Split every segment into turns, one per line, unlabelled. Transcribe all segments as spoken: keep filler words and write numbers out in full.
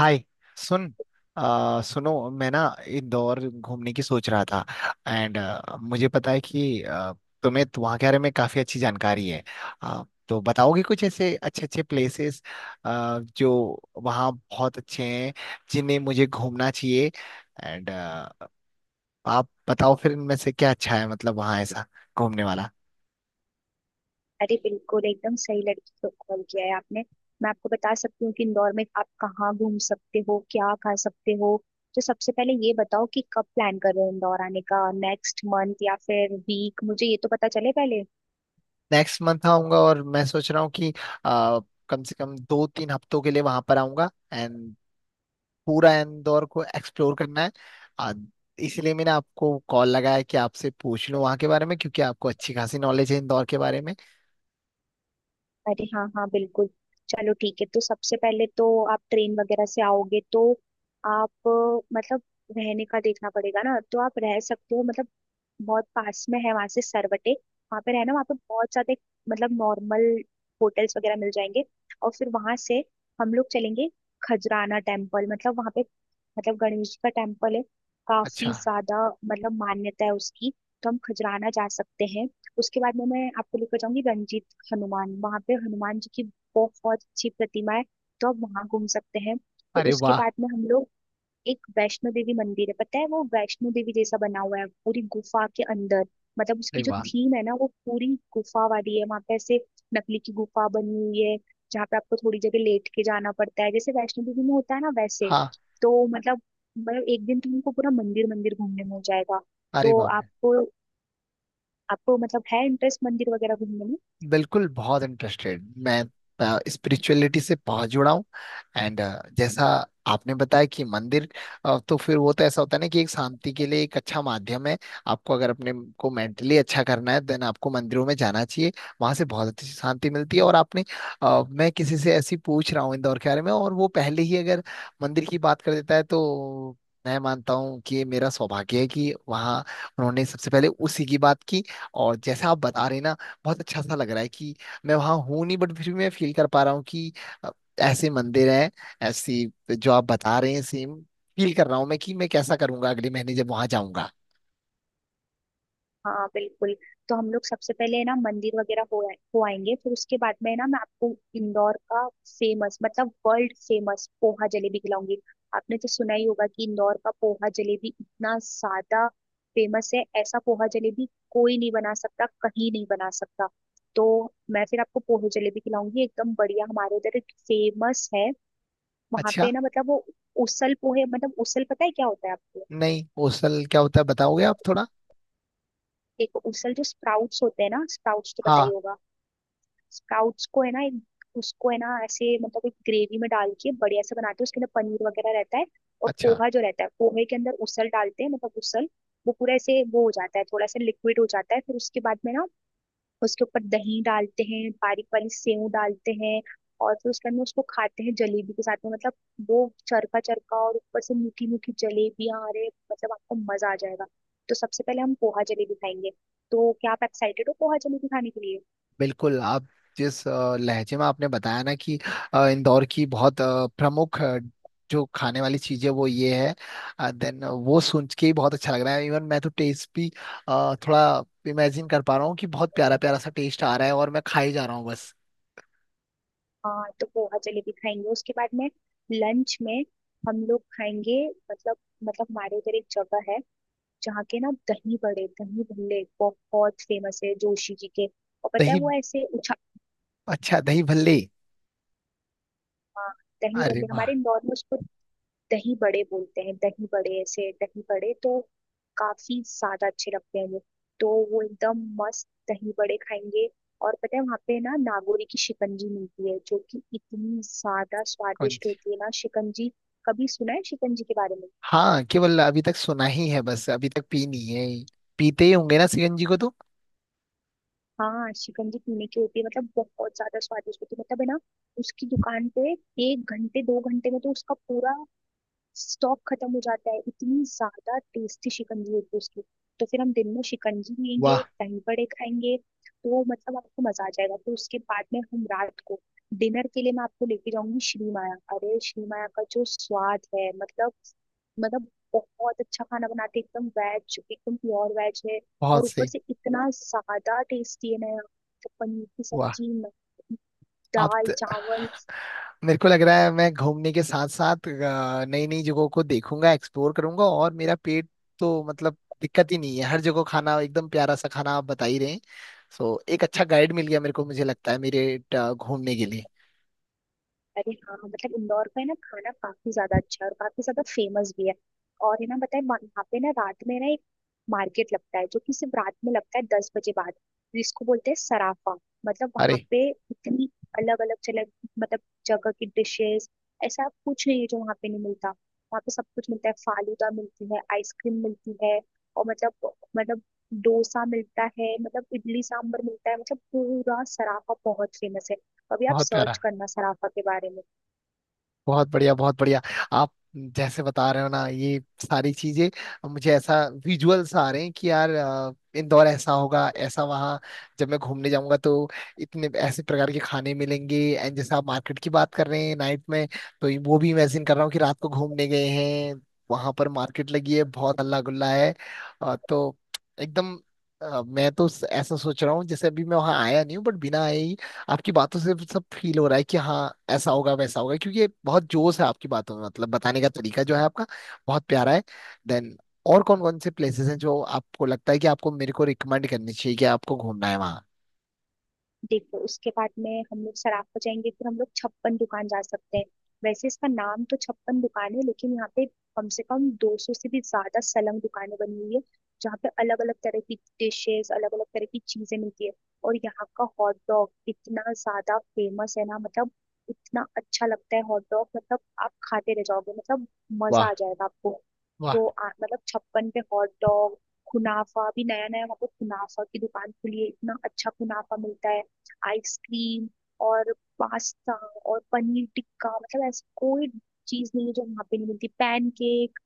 हाय। सुन आ, सुनो, मैं ना इंदौर घूमने की सोच रहा था। एंड मुझे पता है कि आ, तुम्हें तो वहाँ के बारे में काफ़ी अच्छी जानकारी है। आ, तो बताओगे कुछ ऐसे अच्छे अच्छे प्लेसेस जो वहाँ बहुत अच्छे हैं, जिन्हें मुझे घूमना चाहिए। एंड आप बताओ फिर इनमें से क्या अच्छा है, मतलब वहाँ ऐसा घूमने वाला।
अरे बिल्कुल, एकदम सही लड़की को कॉल किया है आपने। मैं आपको बता सकती हूँ कि इंदौर में आप कहाँ घूम सकते हो, क्या खा सकते हो। तो सबसे पहले ये बताओ कि कब प्लान कर रहे हो इंदौर आने का, नेक्स्ट मंथ या फिर वीक, मुझे ये तो पता चले पहले।
नेक्स्ट मंथ आऊंगा और मैं सोच रहा हूँ कि आ, कम से कम दो तीन हफ्तों के लिए वहां पर आऊंगा। एंड पूरा इंदौर को एक्सप्लोर करना है। आ, इसलिए मैंने आपको कॉल लगाया है कि आपसे पूछ लूं वहाँ के बारे में, क्योंकि आपको अच्छी खासी नॉलेज है इंदौर के बारे में।
अरे हाँ हाँ, बिल्कुल। चलो ठीक है, तो सबसे पहले तो आप ट्रेन वगैरह से आओगे तो आप अ, मतलब रहने का देखना पड़ेगा ना, तो आप रह सकते हो मतलब बहुत पास में है वहां से सरवटे, वहां पे रहना। वहां पे बहुत ज्यादा मतलब नॉर्मल होटल्स वगैरह मिल जाएंगे। और फिर वहां से हम लोग चलेंगे खजराना टेम्पल, मतलब वहां पे मतलब गणेश जी का टेम्पल है,
अच्छा।
काफी ज्यादा मतलब मान्यता है उसकी। तो हम खजराना जा सकते हैं। उसके बाद में मैं आपको लेकर जाऊंगी रंजीत हनुमान, वहां पे हनुमान जी की बहुत अच्छी प्रतिमा है, तो आप वहां घूम सकते हैं। फिर
अरे
उसके
वाह।
बाद में हम लोग एक वैष्णो देवी मंदिर है, पता है वो वैष्णो देवी जैसा बना हुआ है, पूरी गुफा के अंदर। मतलब
अरे
उसकी जो
वाह।
थीम है ना वो पूरी गुफा वाली है, वहां पे ऐसे नकली की गुफा बनी हुई है, जहाँ पे आपको थोड़ी जगह लेट के जाना पड़ता है, जैसे वैष्णो देवी में होता है ना वैसे।
हाँ।
तो मतलब मतलब एक दिन तुमको पूरा मंदिर मंदिर घूमने में हो जाएगा।
अरे
तो
वाह।
आपको आपको मतलब है इंटरेस्ट मंदिर वगैरह घूमने में।
बिल्कुल, बहुत इंटरेस्टेड मैं। स्पिरिचुअलिटी से बहुत जुड़ा हूँ। एंड जैसा आपने बताया कि मंदिर, अ, तो फिर वो तो ऐसा होता है ना कि एक शांति के लिए एक अच्छा माध्यम है। आपको अगर अपने को मेंटली अच्छा करना है, देन आपको मंदिरों में जाना चाहिए। वहां से बहुत अच्छी शांति मिलती है। और आपने अ, मैं किसी से ऐसी पूछ रहा हूँ इंदौर के बारे में, और वो पहले ही अगर मंदिर की बात कर देता है, तो मैं मानता हूँ कि ये मेरा सौभाग्य है कि वहाँ उन्होंने सबसे पहले उसी की बात की। और जैसा आप बता रहे हैं ना, बहुत अच्छा सा लग रहा है कि मैं वहां हूं नहीं, बट फिर भी मैं फील कर पा रहा हूँ कि अ, ऐसे मंदिर हैं, ऐसी जो आप बता रहे हैं, सेम फील कर रहा हूँ मैं कि मैं कैसा करूंगा अगले महीने जब वहां जाऊंगा।
हाँ बिल्कुल, तो हम लोग सबसे पहले है ना मंदिर वगैरह हो आए- हो आएंगे, फिर उसके बाद में है ना मैं आपको इंदौर का फेमस, मतलब वर्ल्ड फेमस पोहा जलेबी खिलाऊंगी। आपने तो सुना ही होगा कि इंदौर का पोहा जलेबी इतना ज्यादा फेमस है, ऐसा पोहा जलेबी कोई नहीं बना सकता, कहीं नहीं बना सकता। तो मैं फिर आपको पोहे जलेबी खिलाऊंगी, एकदम बढ़िया। हमारे उधर एक फेमस है वहां
अच्छा।
पे ना, मतलब वो उसल पोहे। मतलब उसल पता है क्या होता है आपको?
नहीं, ओसल क्या होता है बताओगे आप थोड़ा?
एक उसल जो स्प्राउट्स होते हैं ना, स्प्राउट्स तो पता ही
हाँ।
होगा। स्प्राउट्स को है ना एक- उसको है ना ऐसे मतलब एक ग्रेवी में डाल के बढ़िया से बनाते हैं, उसके अंदर पनीर वगैरह रहता है। और
अच्छा।
पोहा जो रहता है पोहे के अंदर उसल डालते हैं, मतलब उसल वो पूरा ऐसे वो हो जाता है, थोड़ा सा लिक्विड हो जाता है। फिर उसके बाद में ना उसके ऊपर दही डालते हैं, बारीक बारीक सेव डालते हैं, और फिर उसके अंदर उसको खाते हैं जलेबी के साथ में। मतलब वो चरखा चरखा और ऊपर से मीठी मीठी जलेबियां, अरे मतलब आपको मजा आ जाएगा। तो सबसे पहले हम पोहा जलेबी खाएंगे। तो क्या आप एक्साइटेड हो पोहा जलेबी खाने के लिए?
बिल्कुल। आप जिस अ, लहजे में आपने बताया ना कि अ, इंदौर की बहुत अ, प्रमुख अ, जो खाने वाली चीजें वो ये है, देन वो सुन के ही बहुत अच्छा लग रहा है। इवन मैं तो टेस्ट भी अ, थोड़ा इमेजिन कर पा रहा हूँ कि बहुत प्यारा प्यारा सा टेस्ट आ रहा है, और मैं खाई जा रहा हूँ बस।
हाँ तो पोहा जलेबी खाएंगे, उसके बाद में लंच में हम लोग खाएंगे मतलब मतलब हमारे उधर एक जगह है, जहाँ के ना दही बड़े, दही भल्ले बहुत फेमस है जोशी जी के, और पता है
दही
वो ऐसे उछा।
अच्छा, दही भल्ले।
हाँ, दही
अरे
बल्ले
वाह।
हमारे इंदौर में उसको दही बड़े बोलते हैं। दही बड़े ऐसे, दही बड़े तो काफी ज्यादा अच्छे लगते हैं वो। तो वो एकदम मस्त दही बड़े खाएंगे। और पता है वहाँ पे ना नागौरी की शिकंजी मिलती है, जो कि इतनी ज्यादा
कौन
स्वादिष्ट
सी?
होती है ना शिकंजी। कभी सुना है शिकंजी के बारे में?
हाँ, केवल अभी तक सुना ही है, बस अभी तक पी नहीं है। पीते ही होंगे ना सीएनजी को तो।
हाँ शिकंजी पीने की होती है, मतलब बहुत ज्यादा स्वादिष्ट होती है। मतलब है ना उसकी दुकान पे एक घंटे दो घंटे में तो उसका पूरा स्टॉक खत्म हो जाता है, इतनी ज्यादा टेस्टी शिकंजी होती है उसकी। तो फिर हम दिन में शिकंजी लेंगे,
वाह।
दही बड़े खाएंगे, तो मतलब आपको मजा आ जाएगा। फिर उसके बाद में हम रात को डिनर के लिए मैं आपको लेके जाऊंगी श्री माया। अरे श्री माया का जो स्वाद है, मतलब मतलब बहुत अच्छा खाना बनाते हैं, एकदम वेज, एकदम प्योर वेज है। और
बहुत
ऊपर
सही।
से इतना ज्यादा टेस्टी है ना यहाँ तो पनीर की
वाह।
सब्जी,
आप,
दाल चावल।
मेरे को लग रहा है मैं घूमने के साथ साथ नई नई जगहों को देखूंगा, एक्सप्लोर करूंगा, और मेरा पेट तो मतलब दिक्कत ही नहीं है। हर जगह खाना एकदम प्यारा सा खाना आप बता ही रहे हैं। सो एक अच्छा गाइड मिल गया मेरे को, मुझे लगता है, मेरे अ, घूमने के लिए।
अरे हाँ हाँ, मतलब इंदौर का है ना खाना काफी ज्यादा अच्छा है और काफी ज्यादा फेमस भी है। और है ना बताए वहाँ पे ना रात में ना एक मार्केट लगता है, जो कि सिर्फ रात में लगता है दस बजे बाद, जिसको बोलते हैं सराफा। मतलब वहाँ
अरे
पे इतनी अलग अलग चले, मतलब जगह की डिशेस, ऐसा कुछ नहीं है जो वहाँ पे नहीं मिलता, वहाँ पे सब कुछ मिलता है। फालूदा मिलती है, आइसक्रीम मिलती है, और मतलब मतलब डोसा मिलता है, मतलब इडली सांभर मिलता है। मतलब पूरा सराफा बहुत फेमस है, कभी आप
बहुत
सर्च
प्यारा।
करना सराफा के बारे में।
बहुत बढ़िया, बहुत बढ़िया। आप जैसे बता रहे हो ना ये सारी चीजें, अब मुझे ऐसा विजुअल्स आ रहे हैं कि यार, अ, इंदौर ऐसा होगा, ऐसा वहाँ जब मैं घूमने जाऊंगा तो इतने ऐसे प्रकार के खाने मिलेंगे। एंड जैसे आप मार्केट की बात कर रहे हैं नाइट में, तो ये- वो भी इमेजिन कर रहा हूँ कि रात को घूमने गए हैं, वहां पर मार्केट लगी है, बहुत हल्ला गुल्ला है। अ, तो एकदम अ, मैं तो ऐसा सोच रहा हूँ जैसे अभी मैं वहां आया नहीं हूँ, बट बिना आए ही आपकी बातों से सब फील हो रहा है कि हाँ, ऐसा होगा, वैसा होगा, क्योंकि ये बहुत जोश है आपकी बातों में, मतलब बताने का तरीका जो है आपका बहुत प्यारा है। देन और कौन कौन से प्लेसेस हैं जो आपको लगता है कि आपको मेरे को रिकमेंड करनी चाहिए कि आपको घूमना है वहाँ?
देखो उसके बाद में हम लोग सराफ पर जाएंगे, फिर हम लोग छप्पन दुकान जा सकते हैं। वैसे इसका नाम तो छप्पन दुकान है, लेकिन यहाँ पे कम से कम दो सौ से भी ज्यादा सलंग दुकानें बनी हुई है, जहाँ पे अलग अलग तरह की डिशेस, अलग अलग तरह की चीजें मिलती है। और यहाँ का हॉट डॉग इतना ज्यादा फेमस है ना, मतलब इतना अच्छा लगता है हॉट डॉग, मतलब आप खाते रह जाओगे, मतलब मजा
वाह।
आ जाएगा आपको।
वाह।
तो आ, मतलब छप्पन पे हॉट डॉग, कुनाफा। अभी नया नया वहाँ पे कुनाफा की दुकान खुली है, इतना अच्छा कुनाफा मिलता है। आइसक्रीम और पास्ता और पनीर टिक्का, मतलब ऐसी कोई चीज नहीं है जो वहां पे नहीं मिलती। पैनकेक,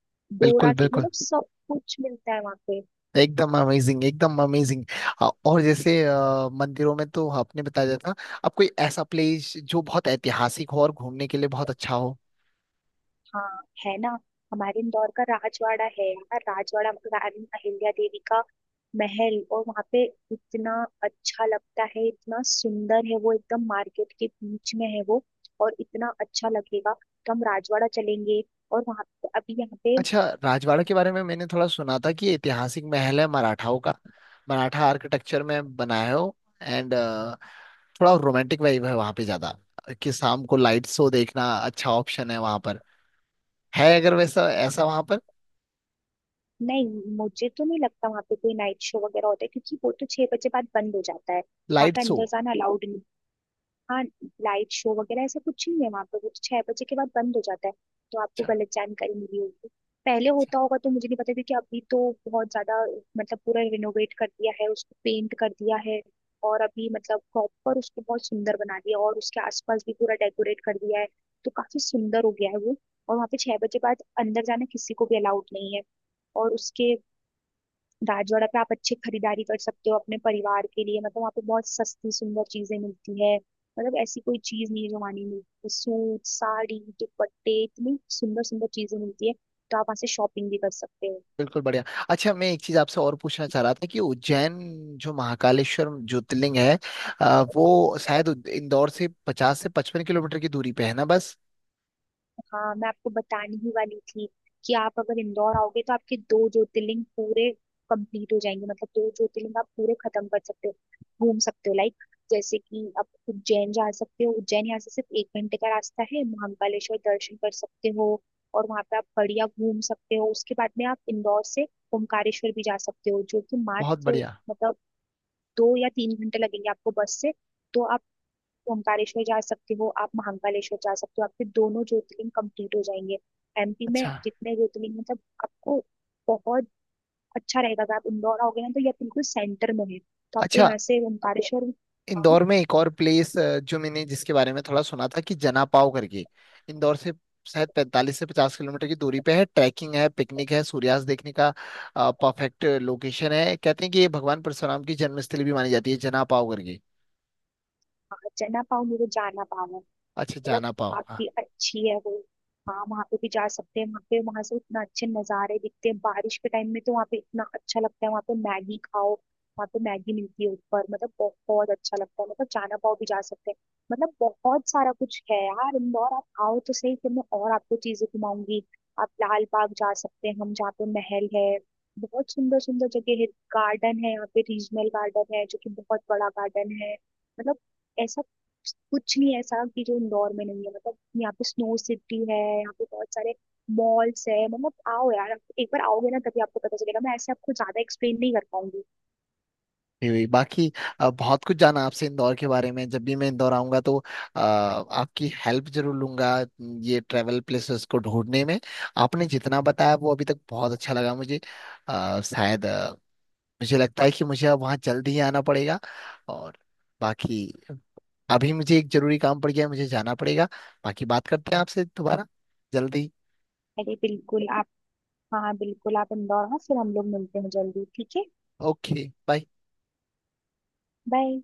बिल्कुल,
डोरा, की
बिल्कुल।
मतलब सब कुछ मिलता है वहां पे।
एकदम अमेजिंग, एकदम अमेजिंग। और जैसे अ, मंदिरों में तो आपने बताया था, अब कोई ऐसा प्लेस जो बहुत ऐतिहासिक हो और घूमने के लिए बहुत अच्छा हो?
हाँ है ना, हमारे इंदौर का राजवाड़ा है यार, राजवाड़ा मतलब रानी अहिल्या देवी का महल। और वहां पे इतना अच्छा लगता है, इतना सुंदर है वो, एकदम मार्केट के बीच में है वो, और इतना अच्छा लगेगा। तो हम राजवाड़ा चलेंगे और वहां अभी यहाँ पे।
अच्छा, राजवाड़ा के बारे में मैंने थोड़ा सुना था कि ये ऐतिहासिक महल है मराठाओं का, मराठा आर्किटेक्चर में बनाया हो। एंड थोड़ा रोमांटिक वाइब है वहाँ पे ज्यादा, कि शाम को लाइट शो देखना अच्छा ऑप्शन है वहाँ पर, है अगर वैसा ऐसा वहाँ पर?
नहीं, मुझे तो नहीं लगता वहां पे कोई नाइट शो वगैरह होता है, क्योंकि वो तो छह बजे बाद बंद हो जाता है, वहां
लाइट
पे
शो।
अंदर जाना अलाउड नहीं। हाँ लाइट शो वगैरह ऐसा कुछ नहीं है वहां पर, वो तो छह बजे के बाद बंद हो जाता है। तो आपको
अच्छा।
गलत जानकारी मिली होगी, पहले होता होगा तो मुझे नहीं पता, क्योंकि अभी तो बहुत ज्यादा, मतलब पूरा रिनोवेट कर दिया है उसको, पेंट कर दिया है, और अभी मतलब प्रॉपर उसको बहुत सुंदर बना दिया, और उसके आसपास भी पूरा डेकोरेट कर दिया है, तो काफी सुंदर हो गया है वो। और वहाँ पे छह बजे बाद अंदर जाना किसी को भी अलाउड नहीं है। और उसके राजवाड़ा पे आप अच्छी खरीदारी कर सकते हो अपने परिवार के लिए, मतलब वहाँ पे बहुत सस्ती सुंदर चीजें मिलती है। मतलब ऐसी कोई चीज नहीं है जो वहाँ नहीं मिलती। सूट, साड़ी, दुपट्टे, इतनी सुंदर सुंदर चीजें मिलती है, तो आप वहाँ से शॉपिंग भी कर सकते हो।
बिल्कुल बढ़िया। अच्छा, मैं एक चीज आपसे और पूछना चाह रहा था, कि उज्जैन जो महाकालेश्वर ज्योतिर्लिंग है, अ, वो शायद उद- इंदौर से पचास से पचपन किलोमीटर की दूरी पे है ना बस?
हाँ मैं आपको बताने ही वाली थी, कि आप अगर इंदौर आओगे तो आपके दो ज्योतिर्लिंग पूरे कंप्लीट हो जाएंगे, मतलब दो ज्योतिर्लिंग आप पूरे खत्म कर सकते हो, घूम सकते हो। लाइक जैसे कि आप उज्जैन जा सकते हो, उज्जैन यहाँ से सिर्फ एक घंटे का रास्ता है, महाकालेश्वर दर्शन कर सकते हो, और वहाँ पे आप बढ़िया घूम सकते हो। उसके बाद में आप इंदौर से ओमकारेश्वर भी जा सकते हो, जो कि
बहुत
मात्र
बढ़िया।
मतलब दो या तीन घंटे लगेंगे आपको बस से। तो आप तो ओमकारेश्वर जा सकते हो, आप महाकालेश्वर जा सकते हो, आपके दोनों ज्योतिर्लिंग कंप्लीट हो जाएंगे। एमपी में
अच्छा।
जितने ज्योतिर्लिंग, मतलब आपको बहुत अच्छा रहेगा अगर आप इंदौर आओगे ना, तो ये बिल्कुल सेंटर में है, तो आपको
अच्छा,
यहाँ से ओमकारेश्वर। हाँ
इंदौर में एक और प्लेस जो मैंने जिसके बारे में थोड़ा सुना था, कि जना पाव करके इंदौर से शायद पैंतालीस से पचास किलोमीटर की दूरी पे है, ट्रैकिंग है, पिकनिक है, सूर्यास्त देखने का परफेक्ट लोकेशन है। कहते हैं कि ये भगवान परशुराम की जन्मस्थली भी मानी जाती है, जना पाव करके।
हाँ, चना पाव, मुझे, जाना पाव
अच्छा,
मतलब
जाना पाओ। हाँ,
काफी अच्छी है वो। हाँ वहां पे भी जा सकते हैं, वहां पे, वहां से इतना अच्छे नजारे दिखते हैं। बारिश के टाइम में तो वहां पे इतना अच्छा लगता है, वहां पे मैगी खाओ, वहां पे मैगी मिलती है ऊपर। मतलब बहुत अच्छा लगता है, मतलब चाना पाव भी जा सकते हैं। मतलब बहुत सारा कुछ है यार इंदौर, आप आओ तो सही, फिर मैं और आपको चीजें घुमाऊंगी। आप लाल बाग जा सकते हैं, हम जहाँ पे महल है, बहुत सुंदर सुंदर जगह है। गार्डन है, यहाँ पे रीजनल गार्डन है जो कि बहुत बड़ा गार्डन है। मतलब ऐसा कुछ नहीं ऐसा कि जो इंदौर में नहीं है। मतलब यहाँ पे स्नो सिटी है, यहाँ पे बहुत सारे मॉल्स है। मतलब आओ यार, आप एक बार आओगे ना तभी आपको पता चलेगा, मैं ऐसे आपको ज्यादा एक्सप्लेन नहीं कर पाऊंगी।
ये हुई बाकी। अ, बहुत कुछ जाना आपसे इंदौर के बारे में। जब भी मैं इंदौर आऊंगा तो अ, आपकी हेल्प जरूर लूंगा ये ट्रैवल प्लेसेस को ढूंढने में। आपने जितना बताया वो अभी तक बहुत अच्छा लगा मुझे। अ, शायद अ, मुझे लगता है कि मुझे अब वहाँ जल्द ही आना पड़ेगा। और बाकी, अभी मुझे एक जरूरी काम पड़ गया है, मुझे जाना पड़ेगा। बाकी बात करते हैं आपसे दोबारा, जल्दी।
अरे बिल्कुल आप, हाँ बिल्कुल, आप इंदौर हाँ फिर हम लोग मिलते हैं जल्दी, ठीक है।
Okay, bye.
बाय।